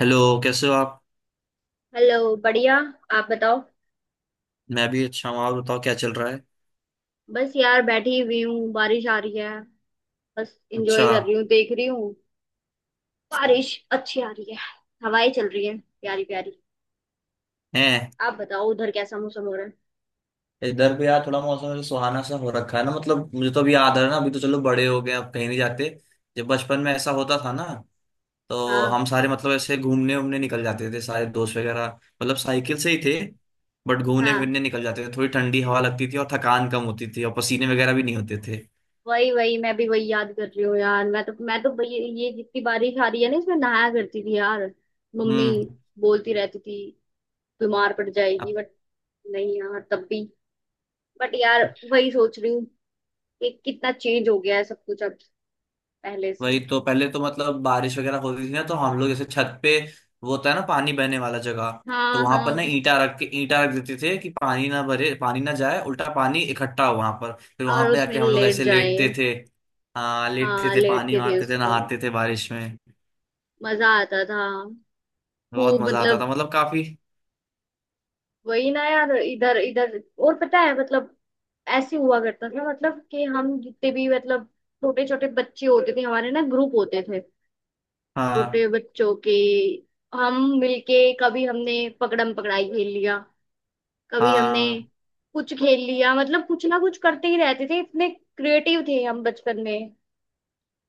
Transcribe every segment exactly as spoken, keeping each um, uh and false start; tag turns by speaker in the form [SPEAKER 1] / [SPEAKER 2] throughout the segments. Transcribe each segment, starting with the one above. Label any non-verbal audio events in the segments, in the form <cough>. [SPEAKER 1] Hello. कैसे हो आप?
[SPEAKER 2] हेलो, बढ़िया। आप बताओ।
[SPEAKER 1] मैं भी अच्छा हूँ। आप बताओ क्या चल रहा है?
[SPEAKER 2] बस यार बैठी हुई हूँ, बारिश आ रही है। बस
[SPEAKER 1] अच्छा।
[SPEAKER 2] एंजॉय कर रही हूँ, देख रही हूँ। बारिश अच्छी आ रही है। हवाएं चल रही हैं, प्यारी प्यारी।
[SPEAKER 1] है।
[SPEAKER 2] आप बताओ उधर कैसा मौसम हो रहा है।
[SPEAKER 1] इधर भी यार थोड़ा मौसम ऐसे सुहाना सा हो रखा है ना। मतलब मुझे तो अभी याद आ रहा है ना, अभी तो चलो बड़े हो गए, अब कहीं नहीं जाते। जब बचपन में ऐसा होता था ना, तो
[SPEAKER 2] हाँ,
[SPEAKER 1] हम सारे मतलब ऐसे घूमने उमने निकल जाते थे, सारे दोस्त वगैरह। मतलब साइकिल से ही थे, बट घूमने
[SPEAKER 2] हाँ,
[SPEAKER 1] फिरने निकल जाते थे। थोड़ी ठंडी हवा लगती थी और थकान कम होती थी, और पसीने वगैरह भी नहीं होते थे।
[SPEAKER 2] वही वही। मैं भी वही याद कर रही हूँ यार। मैं तो मैं तो ये, ये जितनी बारिश आ रही है ना, इसमें नहाया करती थी यार। मम्मी
[SPEAKER 1] हम्म।
[SPEAKER 2] बोलती रहती थी बीमार पड़ जाएगी, बट नहीं यार। तब भी बट यार वही सोच रही हूँ कि कितना चेंज हो गया है सब कुछ अब पहले से।
[SPEAKER 1] वही तो, पहले तो मतलब बारिश वगैरह होती थी ना तो हम लोग जैसे छत पे, वो होता है ना पानी बहने वाला जगह, तो
[SPEAKER 2] हाँ,
[SPEAKER 1] वहां पर ना
[SPEAKER 2] हाँ।
[SPEAKER 1] ईंटा रख के ईंटा रख देते थे कि पानी ना भरे, पानी ना जाए, उल्टा पानी इकट्ठा हो वहां पर। फिर
[SPEAKER 2] और
[SPEAKER 1] वहां पे
[SPEAKER 2] उसमें
[SPEAKER 1] आके हम लोग
[SPEAKER 2] लेट
[SPEAKER 1] ऐसे
[SPEAKER 2] जाए।
[SPEAKER 1] लेटते थे। हाँ लेटते
[SPEAKER 2] हाँ,
[SPEAKER 1] थे, पानी
[SPEAKER 2] लेटते थे
[SPEAKER 1] मारते
[SPEAKER 2] उस
[SPEAKER 1] थे,
[SPEAKER 2] पे।
[SPEAKER 1] नहाते थे बारिश में।
[SPEAKER 2] मजा आता था
[SPEAKER 1] बहुत
[SPEAKER 2] खूब,
[SPEAKER 1] मजा आता
[SPEAKER 2] मतलब।
[SPEAKER 1] था मतलब, काफी।
[SPEAKER 2] वही ना यार, इधर इधर। और पता है मतलब ऐसे हुआ करता था, मतलब कि हम जितने भी मतलब छोटे छोटे बच्चे होते थे, हमारे ना ग्रुप होते थे
[SPEAKER 1] हाँ
[SPEAKER 2] छोटे बच्चों के। हम मिलके कभी हमने पकड़म पकड़ाई खेल लिया, कभी हमने
[SPEAKER 1] हाँ
[SPEAKER 2] कुछ खेल लिया, मतलब कुछ ना कुछ करते ही रहते थे। इतने क्रिएटिव थे हम बचपन में।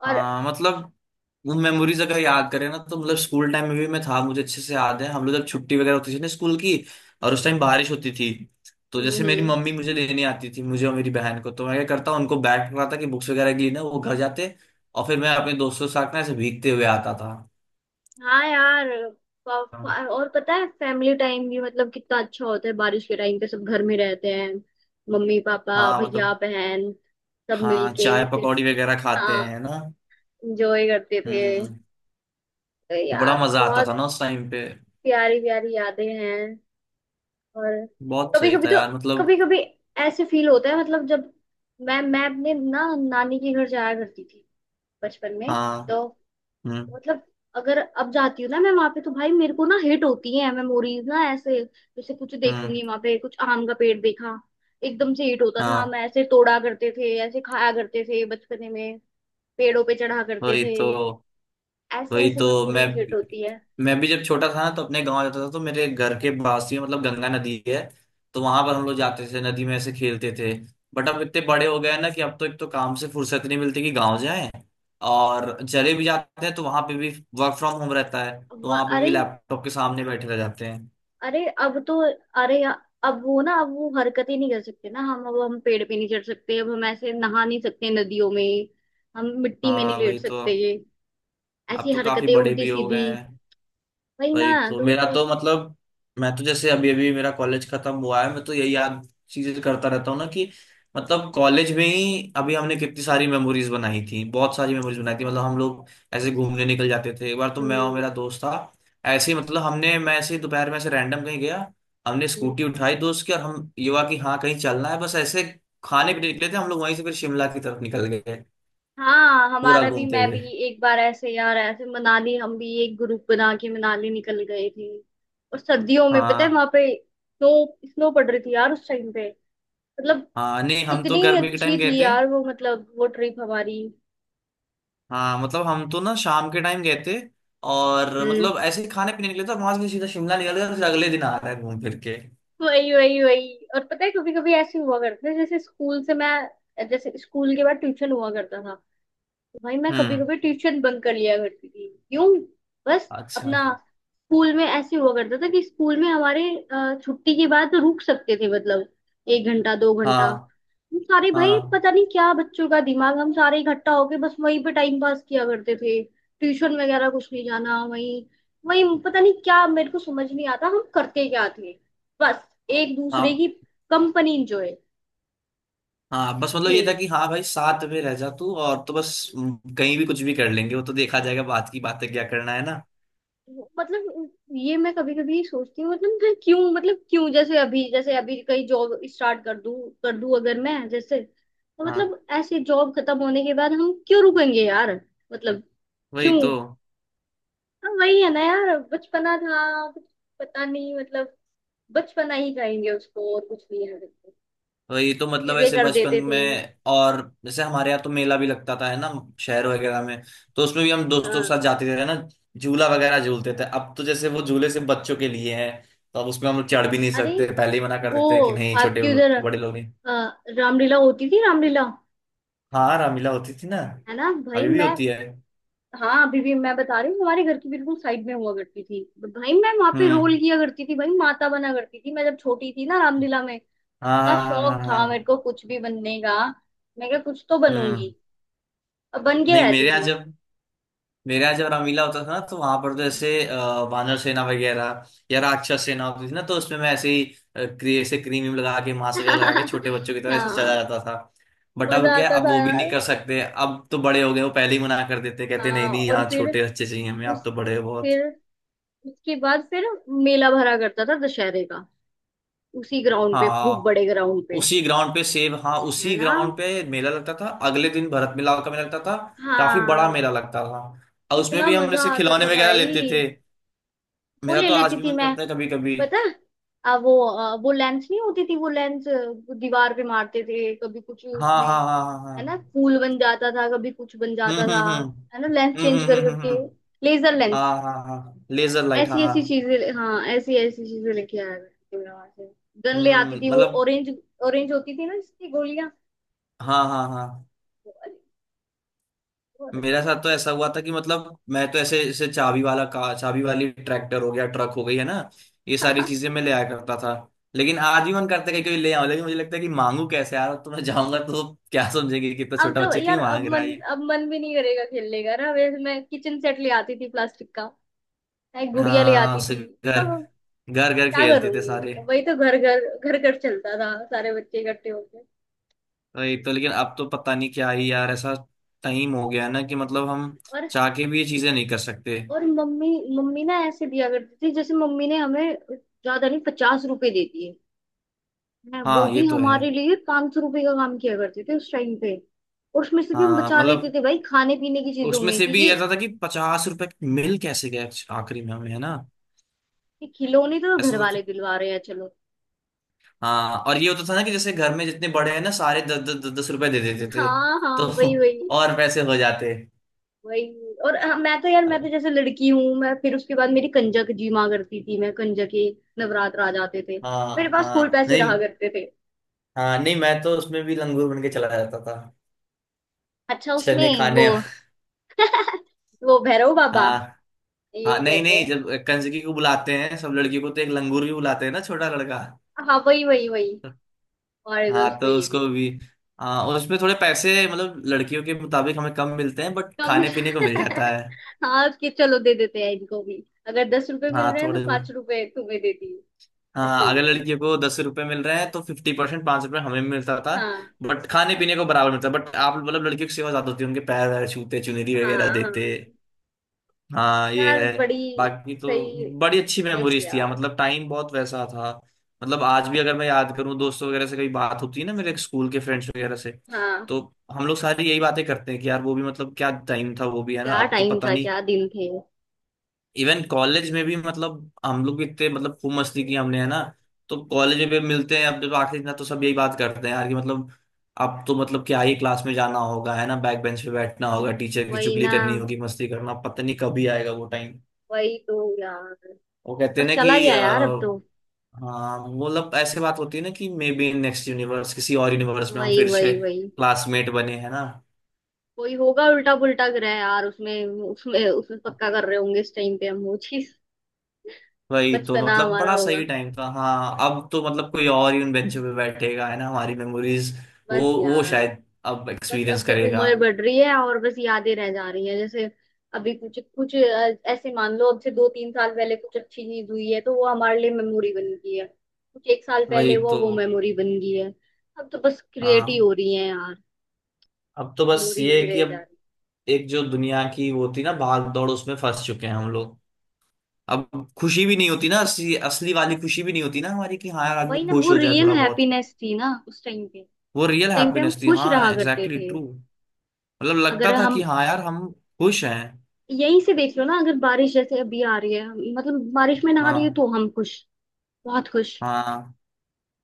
[SPEAKER 2] और
[SPEAKER 1] हाँ, मतलब वो मेमोरीज अगर याद करें ना, तो मतलब स्कूल टाइम में भी मैं था, मुझे अच्छे से याद है। हम लोग जब छुट्टी वगैरह होती थी ना स्कूल की, और उस टाइम बारिश होती थी, तो
[SPEAKER 2] हम्म
[SPEAKER 1] जैसे मेरी
[SPEAKER 2] हम्म।
[SPEAKER 1] मम्मी मुझे लेने आती थी, मुझे और मेरी बहन को, तो मैं क्या करता उनको बैग पकड़ाता कि बुक्स वगैरह के लिए ना वो घर जाते। और फिर मैं अपने दोस्तों के साथ ना ऐसे भीगते हुए आता था।
[SPEAKER 2] हाँ यार। प- प- और पता है फैमिली टाइम भी मतलब कितना अच्छा होता है बारिश के टाइम पे। सब घर में रहते हैं, मम्मी पापा
[SPEAKER 1] हाँ
[SPEAKER 2] भैया
[SPEAKER 1] मतलब,
[SPEAKER 2] बहन, सब
[SPEAKER 1] हाँ
[SPEAKER 2] मिलके
[SPEAKER 1] चाय
[SPEAKER 2] फिर,
[SPEAKER 1] पकौड़ी वगैरह खाते
[SPEAKER 2] हाँ,
[SPEAKER 1] हैं ना।
[SPEAKER 2] एंजॉय करते थे।
[SPEAKER 1] हम्म।
[SPEAKER 2] तो
[SPEAKER 1] बड़ा
[SPEAKER 2] यार
[SPEAKER 1] मजा आता था
[SPEAKER 2] बहुत
[SPEAKER 1] ना उस टाइम पे।
[SPEAKER 2] प्यारी प्यारी यादें हैं। और
[SPEAKER 1] बहुत
[SPEAKER 2] कभी
[SPEAKER 1] सही
[SPEAKER 2] कभी
[SPEAKER 1] था
[SPEAKER 2] तो,
[SPEAKER 1] यार, मतलब।
[SPEAKER 2] कभी कभी ऐसे फील होता है, मतलब जब मैं मैं अपने ना नानी के घर जाया करती थी बचपन में,
[SPEAKER 1] हाँ,
[SPEAKER 2] तो
[SPEAKER 1] हम्म।
[SPEAKER 2] मतलब अगर अब जाती हूँ ना मैं वहां पे, तो भाई मेरे को ना हिट होती है मेमोरीज ना, ऐसे जैसे कुछ
[SPEAKER 1] हम्म।
[SPEAKER 2] देखूंगी वहां पे, कुछ आम का पेड़ देखा, एकदम से हिट होता था। हम
[SPEAKER 1] हाँ
[SPEAKER 2] ऐसे तोड़ा करते थे, ऐसे खाया करते थे बचपने में। पेड़ों पे चढ़ा करते
[SPEAKER 1] वही
[SPEAKER 2] थे।
[SPEAKER 1] तो।
[SPEAKER 2] ऐसे
[SPEAKER 1] वही
[SPEAKER 2] ऐसे
[SPEAKER 1] तो मैं
[SPEAKER 2] मेमोरीज हिट होती है।
[SPEAKER 1] मैं भी जब छोटा था ना तो अपने गांव जाता था, तो मेरे घर के पास ही मतलब गंगा नदी है। तो वहां पर हम लोग जाते थे, नदी में ऐसे खेलते थे। बट अब इतने बड़े हो गए हैं ना कि अब तो एक तो काम से फुर्सत नहीं मिलती कि गांव जाएं। और चले भी जाते हैं तो वहां पे भी वर्क फ्रॉम होम रहता है,
[SPEAKER 2] अब
[SPEAKER 1] तो
[SPEAKER 2] वह-
[SPEAKER 1] वहां पे भी
[SPEAKER 2] अरे,
[SPEAKER 1] लैपटॉप के सामने बैठे रह जाते हैं।
[SPEAKER 2] अरे अब तो, अरे या- अब वो ना, अब वो हरकत ही नहीं कर सकते ना हम। अब हम पेड़ पे नहीं चढ़ सकते, अब हम ऐसे नहा नहीं सकते नदियों में, हम मिट्टी में नहीं
[SPEAKER 1] हाँ
[SPEAKER 2] लेट
[SPEAKER 1] वही तो,
[SPEAKER 2] सकते ये,
[SPEAKER 1] अब
[SPEAKER 2] ऐसी
[SPEAKER 1] तो काफी
[SPEAKER 2] हरकतें
[SPEAKER 1] बड़े
[SPEAKER 2] उल्टी
[SPEAKER 1] भी हो
[SPEAKER 2] सीधी।
[SPEAKER 1] गए हैं।
[SPEAKER 2] वही ना।
[SPEAKER 1] वही तो,
[SPEAKER 2] तो
[SPEAKER 1] मेरा
[SPEAKER 2] मतलब
[SPEAKER 1] तो मतलब, मैं तो जैसे अभी अभी मेरा कॉलेज खत्म हुआ है, मैं तो यही याद चीजें करता रहता हूँ ना कि मतलब कॉलेज में ही अभी हमने कितनी सारी मेमोरीज बनाई थी। बहुत सारी मेमोरीज बनाई थी। मतलब हम लोग ऐसे घूमने निकल जाते थे। एक बार तो मैं और
[SPEAKER 2] हम्म
[SPEAKER 1] मेरा दोस्त था, ऐसे ही मतलब हमने मैं ऐसे ही दोपहर में ऐसे रैंडम कहीं गया। हमने
[SPEAKER 2] हम्म।
[SPEAKER 1] स्कूटी उठाई दोस्त की, और हम, ये हुआ कि हाँ कहीं चलना है बस। ऐसे खाने पीने निकले थे हम लोग, वहीं से फिर शिमला की तरफ निकल गए
[SPEAKER 2] हाँ,
[SPEAKER 1] पूरा
[SPEAKER 2] हमारा भी,
[SPEAKER 1] घूमते
[SPEAKER 2] मैं भी
[SPEAKER 1] हुए।
[SPEAKER 2] एक बार ऐसे यार, ऐसे मनाली हम भी एक ग्रुप बना के मनाली निकल गए थे। और सर्दियों में पता है
[SPEAKER 1] हाँ
[SPEAKER 2] वहां पे स्नो, स्नो पड़ रही थी यार उस टाइम पे। मतलब
[SPEAKER 1] हाँ, नहीं हम तो
[SPEAKER 2] कितनी
[SPEAKER 1] गर्मी के
[SPEAKER 2] अच्छी
[SPEAKER 1] टाइम गए
[SPEAKER 2] थी
[SPEAKER 1] थे।
[SPEAKER 2] यार वो, मतलब वो ट्रिप हमारी।
[SPEAKER 1] हाँ मतलब हम तो ना शाम के टाइम गए थे, और
[SPEAKER 2] हम्म,
[SPEAKER 1] मतलब ऐसे ही खाने पीने निकले थे, और वहां से सीधा शिमला निकल गए, फिर अगले दिन आ रहे हैं घूम फिर के।
[SPEAKER 2] वही वही वही। और पता है कभी कभी ऐसे हुआ करते थे, जैसे स्कूल से, मैं जैसे स्कूल के बाद ट्यूशन हुआ करता था। भाई मैं कभी
[SPEAKER 1] हम्म।
[SPEAKER 2] कभी ट्यूशन बंक कर लिया करती थी। क्यों? बस,
[SPEAKER 1] अच्छा।
[SPEAKER 2] अपना स्कूल में ऐसे हुआ करता था कि स्कूल में हमारे, अ, छुट्टी के बाद तो रुक सकते थे, मतलब एक घंटा दो घंटा।
[SPEAKER 1] हाँ
[SPEAKER 2] हम सारे भाई,
[SPEAKER 1] हाँ
[SPEAKER 2] पता नहीं क्या बच्चों का दिमाग, हम सारे इकट्ठा होके बस वहीं पे टाइम पास किया करते थे, ट्यूशन वगैरह कुछ नहीं जाना। वहीं, वहीं पता नहीं क्या, मेरे को समझ नहीं आता हम करते क्या थे, बस एक दूसरे
[SPEAKER 1] हाँ
[SPEAKER 2] की कंपनी इंजॉय।
[SPEAKER 1] हाँ। बस मतलब ये था
[SPEAKER 2] ये
[SPEAKER 1] कि हाँ भाई, साथ में रह जा तू, और तो बस, हम्म, कहीं भी कुछ भी कर लेंगे, वो तो देखा जाएगा, बात की बातें क्या करना है ना।
[SPEAKER 2] मतलब ये मैं कभी कभी सोचती हूँ, मतलब मैं क्यों, मतलब क्यों जैसे अभी, जैसे अभी कहीं जॉब स्टार्ट कर दूँ, कर दूँ अगर मैं, जैसे तो
[SPEAKER 1] हाँ
[SPEAKER 2] मतलब ऐसे जॉब खत्म होने के बाद हम क्यों रुकेंगे यार। मतलब
[SPEAKER 1] वही
[SPEAKER 2] क्यों?
[SPEAKER 1] तो।
[SPEAKER 2] हाँ, वही है ना यार, बचपना था कुछ, पता नहीं मतलब, बचपना ही कहेंगे उसको और कुछ नहीं है।
[SPEAKER 1] वही तो मतलब
[SPEAKER 2] चीजें
[SPEAKER 1] ऐसे
[SPEAKER 2] कर
[SPEAKER 1] बचपन
[SPEAKER 2] देते थे।
[SPEAKER 1] में, और जैसे हमारे यहाँ तो मेला भी लगता था है ना, शहर वगैरह में। तो उसमें भी हम दोस्तों के साथ
[SPEAKER 2] हाँ।
[SPEAKER 1] जाते थे है ना, झूला वगैरह झूलते थे। अब तो जैसे वो झूले सिर्फ बच्चों के लिए हैं, तो अब उसमें हम लोग चढ़ भी नहीं
[SPEAKER 2] अरे
[SPEAKER 1] सकते, पहले ही मना कर
[SPEAKER 2] वो
[SPEAKER 1] देते हैं कि नहीं छोटे,
[SPEAKER 2] आपकी उधर
[SPEAKER 1] बड़े लोग नहीं।
[SPEAKER 2] अ, रामलीला होती थी, रामलीला।
[SPEAKER 1] हाँ रामलीला होती थी ना।
[SPEAKER 2] है ना भाई
[SPEAKER 1] अभी भी
[SPEAKER 2] मैं।
[SPEAKER 1] होती है।
[SPEAKER 2] हाँ, अभी भी मैं बता रही हूँ, हमारे घर की बिल्कुल साइड में हुआ करती थी। भाई मैं वहां पे रोल
[SPEAKER 1] हम्म।
[SPEAKER 2] किया करती थी भाई, माता बना करती थी मैं जब छोटी थी ना, रामलीला में।
[SPEAKER 1] हाँ
[SPEAKER 2] इतना
[SPEAKER 1] हाँ हाँ हाँ
[SPEAKER 2] शौक
[SPEAKER 1] हाँ
[SPEAKER 2] था मेरे
[SPEAKER 1] हाँ,
[SPEAKER 2] को कुछ भी बनने का, मैं क्या कुछ तो बनूंगी,
[SPEAKER 1] हम्म।
[SPEAKER 2] और बन के
[SPEAKER 1] नहीं,
[SPEAKER 2] रहती
[SPEAKER 1] मेरे यहाँ
[SPEAKER 2] थी।
[SPEAKER 1] जब मेरा जब रामीला होता था ना तो वहां पर तो ऐसे अ, वानर सेना वगैरह या राक्षस सेना होती थी ना, तो उसमें मैं ऐसे ही अ, क्री, ऐसे क्रीम व्रीम लगा के, मास्क वगैरह लगा के, छोटे
[SPEAKER 2] <laughs>
[SPEAKER 1] बच्चों की तरह ऐसे चला
[SPEAKER 2] हाँ,
[SPEAKER 1] जाता था। बट अब
[SPEAKER 2] मजा
[SPEAKER 1] क्या है,
[SPEAKER 2] आता
[SPEAKER 1] अब
[SPEAKER 2] था
[SPEAKER 1] वो भी नहीं
[SPEAKER 2] यार।
[SPEAKER 1] कर सकते, अब तो बड़े हो गए, वो पहले ही मना कर देते, कहते नहीं
[SPEAKER 2] हाँ,
[SPEAKER 1] नहीं
[SPEAKER 2] और
[SPEAKER 1] यहाँ
[SPEAKER 2] फिर
[SPEAKER 1] छोटे बच्चे चाहिए हमें, आप
[SPEAKER 2] उस,
[SPEAKER 1] तो बड़े हो बहुत।
[SPEAKER 2] फिर उसके बाद फिर मेला भरा करता था दशहरे का, उसी ग्राउंड पे, खूब
[SPEAKER 1] हाँ
[SPEAKER 2] बड़े ग्राउंड पे।
[SPEAKER 1] उसी ग्राउंड पे सेब हाँ
[SPEAKER 2] है
[SPEAKER 1] उसी
[SPEAKER 2] ना।
[SPEAKER 1] ग्राउंड पे मेला लगता था, अगले दिन भरत मिलाप का मेला लगता था। काफी बड़ा
[SPEAKER 2] हाँ,
[SPEAKER 1] मेला लगता था, और उसमें
[SPEAKER 2] कितना
[SPEAKER 1] भी हम
[SPEAKER 2] मजा
[SPEAKER 1] ऐसे
[SPEAKER 2] आता
[SPEAKER 1] खिलौने
[SPEAKER 2] था
[SPEAKER 1] वगैरह लेते
[SPEAKER 2] भाई।
[SPEAKER 1] थे।
[SPEAKER 2] वो
[SPEAKER 1] मेरा
[SPEAKER 2] ले
[SPEAKER 1] तो आज
[SPEAKER 2] लेती
[SPEAKER 1] भी
[SPEAKER 2] थी
[SPEAKER 1] मन
[SPEAKER 2] मैं,
[SPEAKER 1] करता है कभी कभी।
[SPEAKER 2] पता है? अब वो अ, वो लेंस नहीं होती थी, वो लेंस, दीवार पे मारते थे कभी, कुछ
[SPEAKER 1] हाँ
[SPEAKER 2] उसमें,
[SPEAKER 1] हाँ हाँ हाँ हाँ।
[SPEAKER 2] है ना, फूल बन जाता था, कभी कुछ बन
[SPEAKER 1] हम्म
[SPEAKER 2] जाता था,
[SPEAKER 1] हम्म हम्म
[SPEAKER 2] है ना, लेंस
[SPEAKER 1] हम्म
[SPEAKER 2] चेंज
[SPEAKER 1] हम्म
[SPEAKER 2] कर
[SPEAKER 1] हम्म हम्म, हम्म।
[SPEAKER 2] करके, लेजर लेंस।
[SPEAKER 1] हाँ हाँ हाँ हाँ। लेजर लाइट, हाँ
[SPEAKER 2] ऐसी ऐसी
[SPEAKER 1] हाँ।
[SPEAKER 2] चीजें, हाँ, ऐसी ऐसी चीजें लेके आया करती थी मैं वहां से। गन ले आती
[SPEAKER 1] हम्म
[SPEAKER 2] थी, वो
[SPEAKER 1] मतलब,
[SPEAKER 2] ऑरेंज, ऑरेंज होती थी ना जिसकी गोलियां,
[SPEAKER 1] हाँ हाँ हाँ।
[SPEAKER 2] वो वाली, बहुत अच्छी
[SPEAKER 1] मेरे
[SPEAKER 2] थी।
[SPEAKER 1] साथ तो ऐसा हुआ था कि मतलब मैं तो ऐसे ऐसे चाबी वाला कार, चाबी वाली ट्रैक्टर हो गया, ट्रक हो गई, है ना ये सारी
[SPEAKER 2] <laughs>
[SPEAKER 1] चीजें मैं ले आया करता था। लेकिन आज भी मन करता है कि कोई ले आऊं, लेकिन मुझे लगता है कि मांगू कैसे यार, तो मैं जाऊंगा तो क्या समझेंगे कि कितना
[SPEAKER 2] अब
[SPEAKER 1] छोटा
[SPEAKER 2] तो
[SPEAKER 1] बच्चा
[SPEAKER 2] यार,
[SPEAKER 1] क्यों
[SPEAKER 2] अब
[SPEAKER 1] मांग रहा
[SPEAKER 2] मन,
[SPEAKER 1] है ये।
[SPEAKER 2] अब मन भी नहीं करेगा खेलने का ना। वैसे मैं किचन सेट ले आती थी प्लास्टिक का, मैं गुड़िया ले
[SPEAKER 1] हाँ
[SPEAKER 2] आती
[SPEAKER 1] उससे
[SPEAKER 2] थी,
[SPEAKER 1] घर,
[SPEAKER 2] सब,
[SPEAKER 1] घर घर
[SPEAKER 2] क्या
[SPEAKER 1] खेलते थे
[SPEAKER 2] करूंगी
[SPEAKER 1] सारे।
[SPEAKER 2] उनका? वही तो घर घर, घर घर चलता था, सारे बच्चे इकट्ठे होके।
[SPEAKER 1] वही तो, लेकिन अब तो पता नहीं क्या ही यार, ऐसा टाइम हो गया है ना कि मतलब हम
[SPEAKER 2] और
[SPEAKER 1] चाह के भी ये चीजें नहीं कर सकते।
[SPEAKER 2] और मम्मी, मम्मी ना ऐसे दिया करती थी, जैसे मम्मी ने हमें ज्यादा नहीं पचास रुपए दे दिए हैं, वो
[SPEAKER 1] हाँ
[SPEAKER 2] भी
[SPEAKER 1] ये तो है।
[SPEAKER 2] हमारे लिए पांच सौ रुपए का काम किया करते थे उस टाइम पे। और उसमें से भी हम
[SPEAKER 1] हाँ
[SPEAKER 2] बचा लेते
[SPEAKER 1] मतलब,
[SPEAKER 2] थे भाई, खाने पीने की चीजों
[SPEAKER 1] उसमें
[SPEAKER 2] में,
[SPEAKER 1] से भी
[SPEAKER 2] क्योंकि
[SPEAKER 1] ऐसा था कि पचास रुपए मिल कैसे गए आखिरी में हमें, है ना।
[SPEAKER 2] ये खिलौने तो
[SPEAKER 1] ऐसा
[SPEAKER 2] घर
[SPEAKER 1] तो था।
[SPEAKER 2] वाले दिलवा रहे हैं, चलो।
[SPEAKER 1] हाँ और ये होता था ना कि जैसे घर में जितने बड़े हैं ना सारे दस दस दस दस रुपए दे देते थे,
[SPEAKER 2] हाँ, हाँ,
[SPEAKER 1] तो
[SPEAKER 2] वही वही
[SPEAKER 1] <laughs> और पैसे हो जाते।
[SPEAKER 2] वही। और अ, मैं तो यार, मैं तो
[SPEAKER 1] अरे,
[SPEAKER 2] जैसे लड़की हूँ, मैं फिर उसके बाद मेरी कंजक जी माँ करती थी, मैं कंजक के, नवरात्र आ जाते थे, मेरे
[SPEAKER 1] हाँ
[SPEAKER 2] पास फुल
[SPEAKER 1] हाँ
[SPEAKER 2] पैसे रहा
[SPEAKER 1] नहीं,
[SPEAKER 2] करते थे।
[SPEAKER 1] हाँ। नहीं मैं तो उसमें भी लंगूर बन के चला जाता था,
[SPEAKER 2] अच्छा,
[SPEAKER 1] चने
[SPEAKER 2] उसमें वो
[SPEAKER 1] खाने।
[SPEAKER 2] वो भैरव बाबा,
[SPEAKER 1] हाँ हाँ।
[SPEAKER 2] यही
[SPEAKER 1] नहीं
[SPEAKER 2] कहते
[SPEAKER 1] नहीं,
[SPEAKER 2] हैं।
[SPEAKER 1] जब कंजकी को बुलाते हैं सब लड़कियों को तो एक लंगूर भी बुलाते हैं ना, छोटा लड़का।
[SPEAKER 2] हाँ, वही वही वही, हमारे
[SPEAKER 1] हाँ
[SPEAKER 2] दोस्त को
[SPEAKER 1] तो
[SPEAKER 2] ये
[SPEAKER 1] उसको
[SPEAKER 2] बोल।
[SPEAKER 1] भी। हाँ और उसमें थोड़े पैसे मतलब लड़कियों के मुताबिक हमें कम मिलते हैं, बट
[SPEAKER 2] कम।
[SPEAKER 1] खाने पीने को मिल जाता
[SPEAKER 2] <laughs>
[SPEAKER 1] है।
[SPEAKER 2] हाँ, उसके, चलो दे देते हैं इनको भी। अगर दस रुपए मिल
[SPEAKER 1] हाँ
[SPEAKER 2] रहे हैं तो
[SPEAKER 1] थोड़े
[SPEAKER 2] पांच
[SPEAKER 1] बहुत।
[SPEAKER 2] रुपए तुम्हें देती हूँ। ऐसे
[SPEAKER 1] हाँ अगर
[SPEAKER 2] हुआ
[SPEAKER 1] लड़कियों
[SPEAKER 2] करता
[SPEAKER 1] को दस रुपए मिल रहे हैं तो फिफ्टी परसेंट, पाँच रुपये हमें मिलता था।
[SPEAKER 2] था। हाँ,
[SPEAKER 1] बट खाने पीने को बराबर मिलता, बट आप मतलब लड़कियों की सेवा ज्यादा होती है, उनके पैर वैर छूते, चुनरी वगैरह
[SPEAKER 2] हाँ। हाँ
[SPEAKER 1] देते। हाँ ये
[SPEAKER 2] यार,
[SPEAKER 1] है।
[SPEAKER 2] बड़ी
[SPEAKER 1] बाकी तो
[SPEAKER 2] सही।
[SPEAKER 1] बड़ी अच्छी
[SPEAKER 2] बस
[SPEAKER 1] मेमोरीज थी यार
[SPEAKER 2] यार।
[SPEAKER 1] मतलब, टाइम बहुत वैसा था। मतलब आज भी अगर मैं याद करूँ, दोस्तों वगैरह से कभी बात होती है ना, मेरे स्कूल के फ्रेंड्स वगैरह से,
[SPEAKER 2] हाँ,
[SPEAKER 1] तो हम लोग सारी यही बातें करते हैं कि यार वो भी मतलब क्या टाइम था वो भी, है ना
[SPEAKER 2] क्या
[SPEAKER 1] अब तो
[SPEAKER 2] टाइम
[SPEAKER 1] पता
[SPEAKER 2] था,
[SPEAKER 1] नहीं।
[SPEAKER 2] क्या दिन थे।
[SPEAKER 1] इवन कॉलेज में भी मतलब हम लोग भी इतने मतलब खूब मस्ती की हमने, है ना तो कॉलेज में भी मिलते हैं। अब जब आखिरी दिन था, तो सब यही बात करते हैं यार कि मतलब अब तो मतलब क्या ही क्लास में जाना होगा है ना, बैक बेंच पे बैठना होगा, टीचर की
[SPEAKER 2] वही
[SPEAKER 1] चुगली
[SPEAKER 2] ना,
[SPEAKER 1] करनी होगी, मस्ती करना, पता नहीं कभी आएगा वो टाइम।
[SPEAKER 2] वही तो यार,
[SPEAKER 1] वो कहते
[SPEAKER 2] बस
[SPEAKER 1] हैं ना कि
[SPEAKER 2] चला गया
[SPEAKER 1] अ,
[SPEAKER 2] यार अब तो।
[SPEAKER 1] हाँ मतलब ऐसे बात होती है ना कि मे बी नेक्स्ट यूनिवर्स, किसी और यूनिवर्स में हम
[SPEAKER 2] वही
[SPEAKER 1] फिर
[SPEAKER 2] वही
[SPEAKER 1] से
[SPEAKER 2] वही,
[SPEAKER 1] क्लासमेट बने हैं ना।
[SPEAKER 2] कोई होगा उल्टा पुल्टा ग्रह यार, उसमें, उसमें, उसमें पक्का कर रहे होंगे इस टाइम पे हम वो चीज। <laughs>
[SPEAKER 1] वही तो
[SPEAKER 2] बचपना
[SPEAKER 1] मतलब
[SPEAKER 2] हमारा
[SPEAKER 1] बड़ा सही
[SPEAKER 2] होगा।
[SPEAKER 1] टाइम था। हाँ अब तो मतलब कोई और ही उन बेंचों पे बैठेगा है ना हमारी मेमोरीज, वो
[SPEAKER 2] बस
[SPEAKER 1] वो
[SPEAKER 2] यार।
[SPEAKER 1] शायद अब
[SPEAKER 2] बस अब
[SPEAKER 1] एक्सपीरियंस
[SPEAKER 2] तो
[SPEAKER 1] करेगा।
[SPEAKER 2] उम्र बढ़ रही है और बस यादें रह जा रही है। जैसे अभी कुछ कुछ अ, ऐसे मान लो अब से दो तीन साल पहले कुछ अच्छी चीज हुई है तो वो हमारे लिए मेमोरी बन गई है, कुछ एक साल
[SPEAKER 1] वही
[SPEAKER 2] पहले वो
[SPEAKER 1] तो।
[SPEAKER 2] वो मेमोरी बन गई है। अब तो बस क्रिएट ही
[SPEAKER 1] हाँ
[SPEAKER 2] हो रही है यार।
[SPEAKER 1] अब तो बस
[SPEAKER 2] मूड
[SPEAKER 1] ये
[SPEAKER 2] इजी
[SPEAKER 1] है कि अब
[SPEAKER 2] रहेगा।
[SPEAKER 1] एक जो दुनिया की वो थी ना भाग दौड़, उसमें फंस चुके हैं हम लोग। अब खुशी भी नहीं होती ना, असली असली वाली खुशी भी नहीं होती ना हमारी कि हाँ यार आदमी
[SPEAKER 2] वही ना, वो
[SPEAKER 1] खुश हो जाए
[SPEAKER 2] रियल
[SPEAKER 1] थोड़ा बहुत।
[SPEAKER 2] हैप्पीनेस थी ना उस टाइम पे।
[SPEAKER 1] वो रियल
[SPEAKER 2] टाइम पे हम
[SPEAKER 1] हैप्पीनेस थी,
[SPEAKER 2] खुश
[SPEAKER 1] हाँ
[SPEAKER 2] रहा करते
[SPEAKER 1] एग्जैक्टली
[SPEAKER 2] थे।
[SPEAKER 1] ट्रू। मतलब
[SPEAKER 2] अगर
[SPEAKER 1] लगता था कि
[SPEAKER 2] हम,
[SPEAKER 1] हाँ यार हम खुश हैं।
[SPEAKER 2] यहीं से देख लो ना, अगर बारिश जैसे अभी आ रही है हम- मतलब बारिश में नहा रही है
[SPEAKER 1] हाँ।
[SPEAKER 2] तो हम खुश, बहुत खुश।
[SPEAKER 1] हाँ।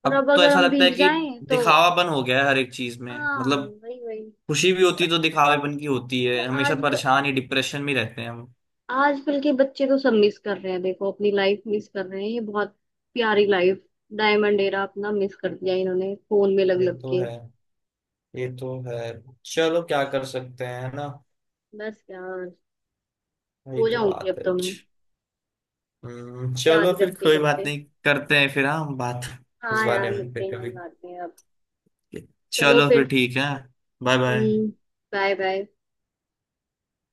[SPEAKER 2] और
[SPEAKER 1] अब
[SPEAKER 2] अब
[SPEAKER 1] तो
[SPEAKER 2] अगर
[SPEAKER 1] ऐसा
[SPEAKER 2] हम
[SPEAKER 1] लगता है
[SPEAKER 2] भीग
[SPEAKER 1] कि
[SPEAKER 2] जाएं तो।
[SPEAKER 1] दिखावापन हो गया है हर एक चीज में,
[SPEAKER 2] हाँ,
[SPEAKER 1] मतलब
[SPEAKER 2] वही वही।
[SPEAKER 1] खुशी भी होती
[SPEAKER 2] और,
[SPEAKER 1] है तो दिखावेपन की होती है,
[SPEAKER 2] और
[SPEAKER 1] हमेशा
[SPEAKER 2] आज,
[SPEAKER 1] परेशान ही, डिप्रेशन में रहते हैं हम।
[SPEAKER 2] आजकल के बच्चे तो सब मिस कर रहे हैं देखो, अपनी लाइफ मिस कर रहे हैं, ये बहुत प्यारी लाइफ, डायमंड एरा अपना मिस कर दिया इन्होंने फोन में लग
[SPEAKER 1] ये
[SPEAKER 2] लग
[SPEAKER 1] तो
[SPEAKER 2] के।
[SPEAKER 1] है। ये तो है। चलो क्या कर सकते हैं है ना।
[SPEAKER 2] बस यार,
[SPEAKER 1] वही
[SPEAKER 2] हो
[SPEAKER 1] तो
[SPEAKER 2] जाऊंगी
[SPEAKER 1] बात
[SPEAKER 2] अब
[SPEAKER 1] है।
[SPEAKER 2] तो मैं
[SPEAKER 1] हम्म, चलो
[SPEAKER 2] याद
[SPEAKER 1] फिर
[SPEAKER 2] करते
[SPEAKER 1] कोई बात
[SPEAKER 2] करते।
[SPEAKER 1] नहीं करते हैं फिर। हाँ हम बात <laughs> इस
[SPEAKER 2] हाँ यार,
[SPEAKER 1] बारे में
[SPEAKER 2] मिलते
[SPEAKER 1] फिर कभी।
[SPEAKER 2] हैं बाद में अब। चलो
[SPEAKER 1] चलो फिर
[SPEAKER 2] फिर।
[SPEAKER 1] ठीक है। Bye bye.
[SPEAKER 2] हम्म, बाय बाय।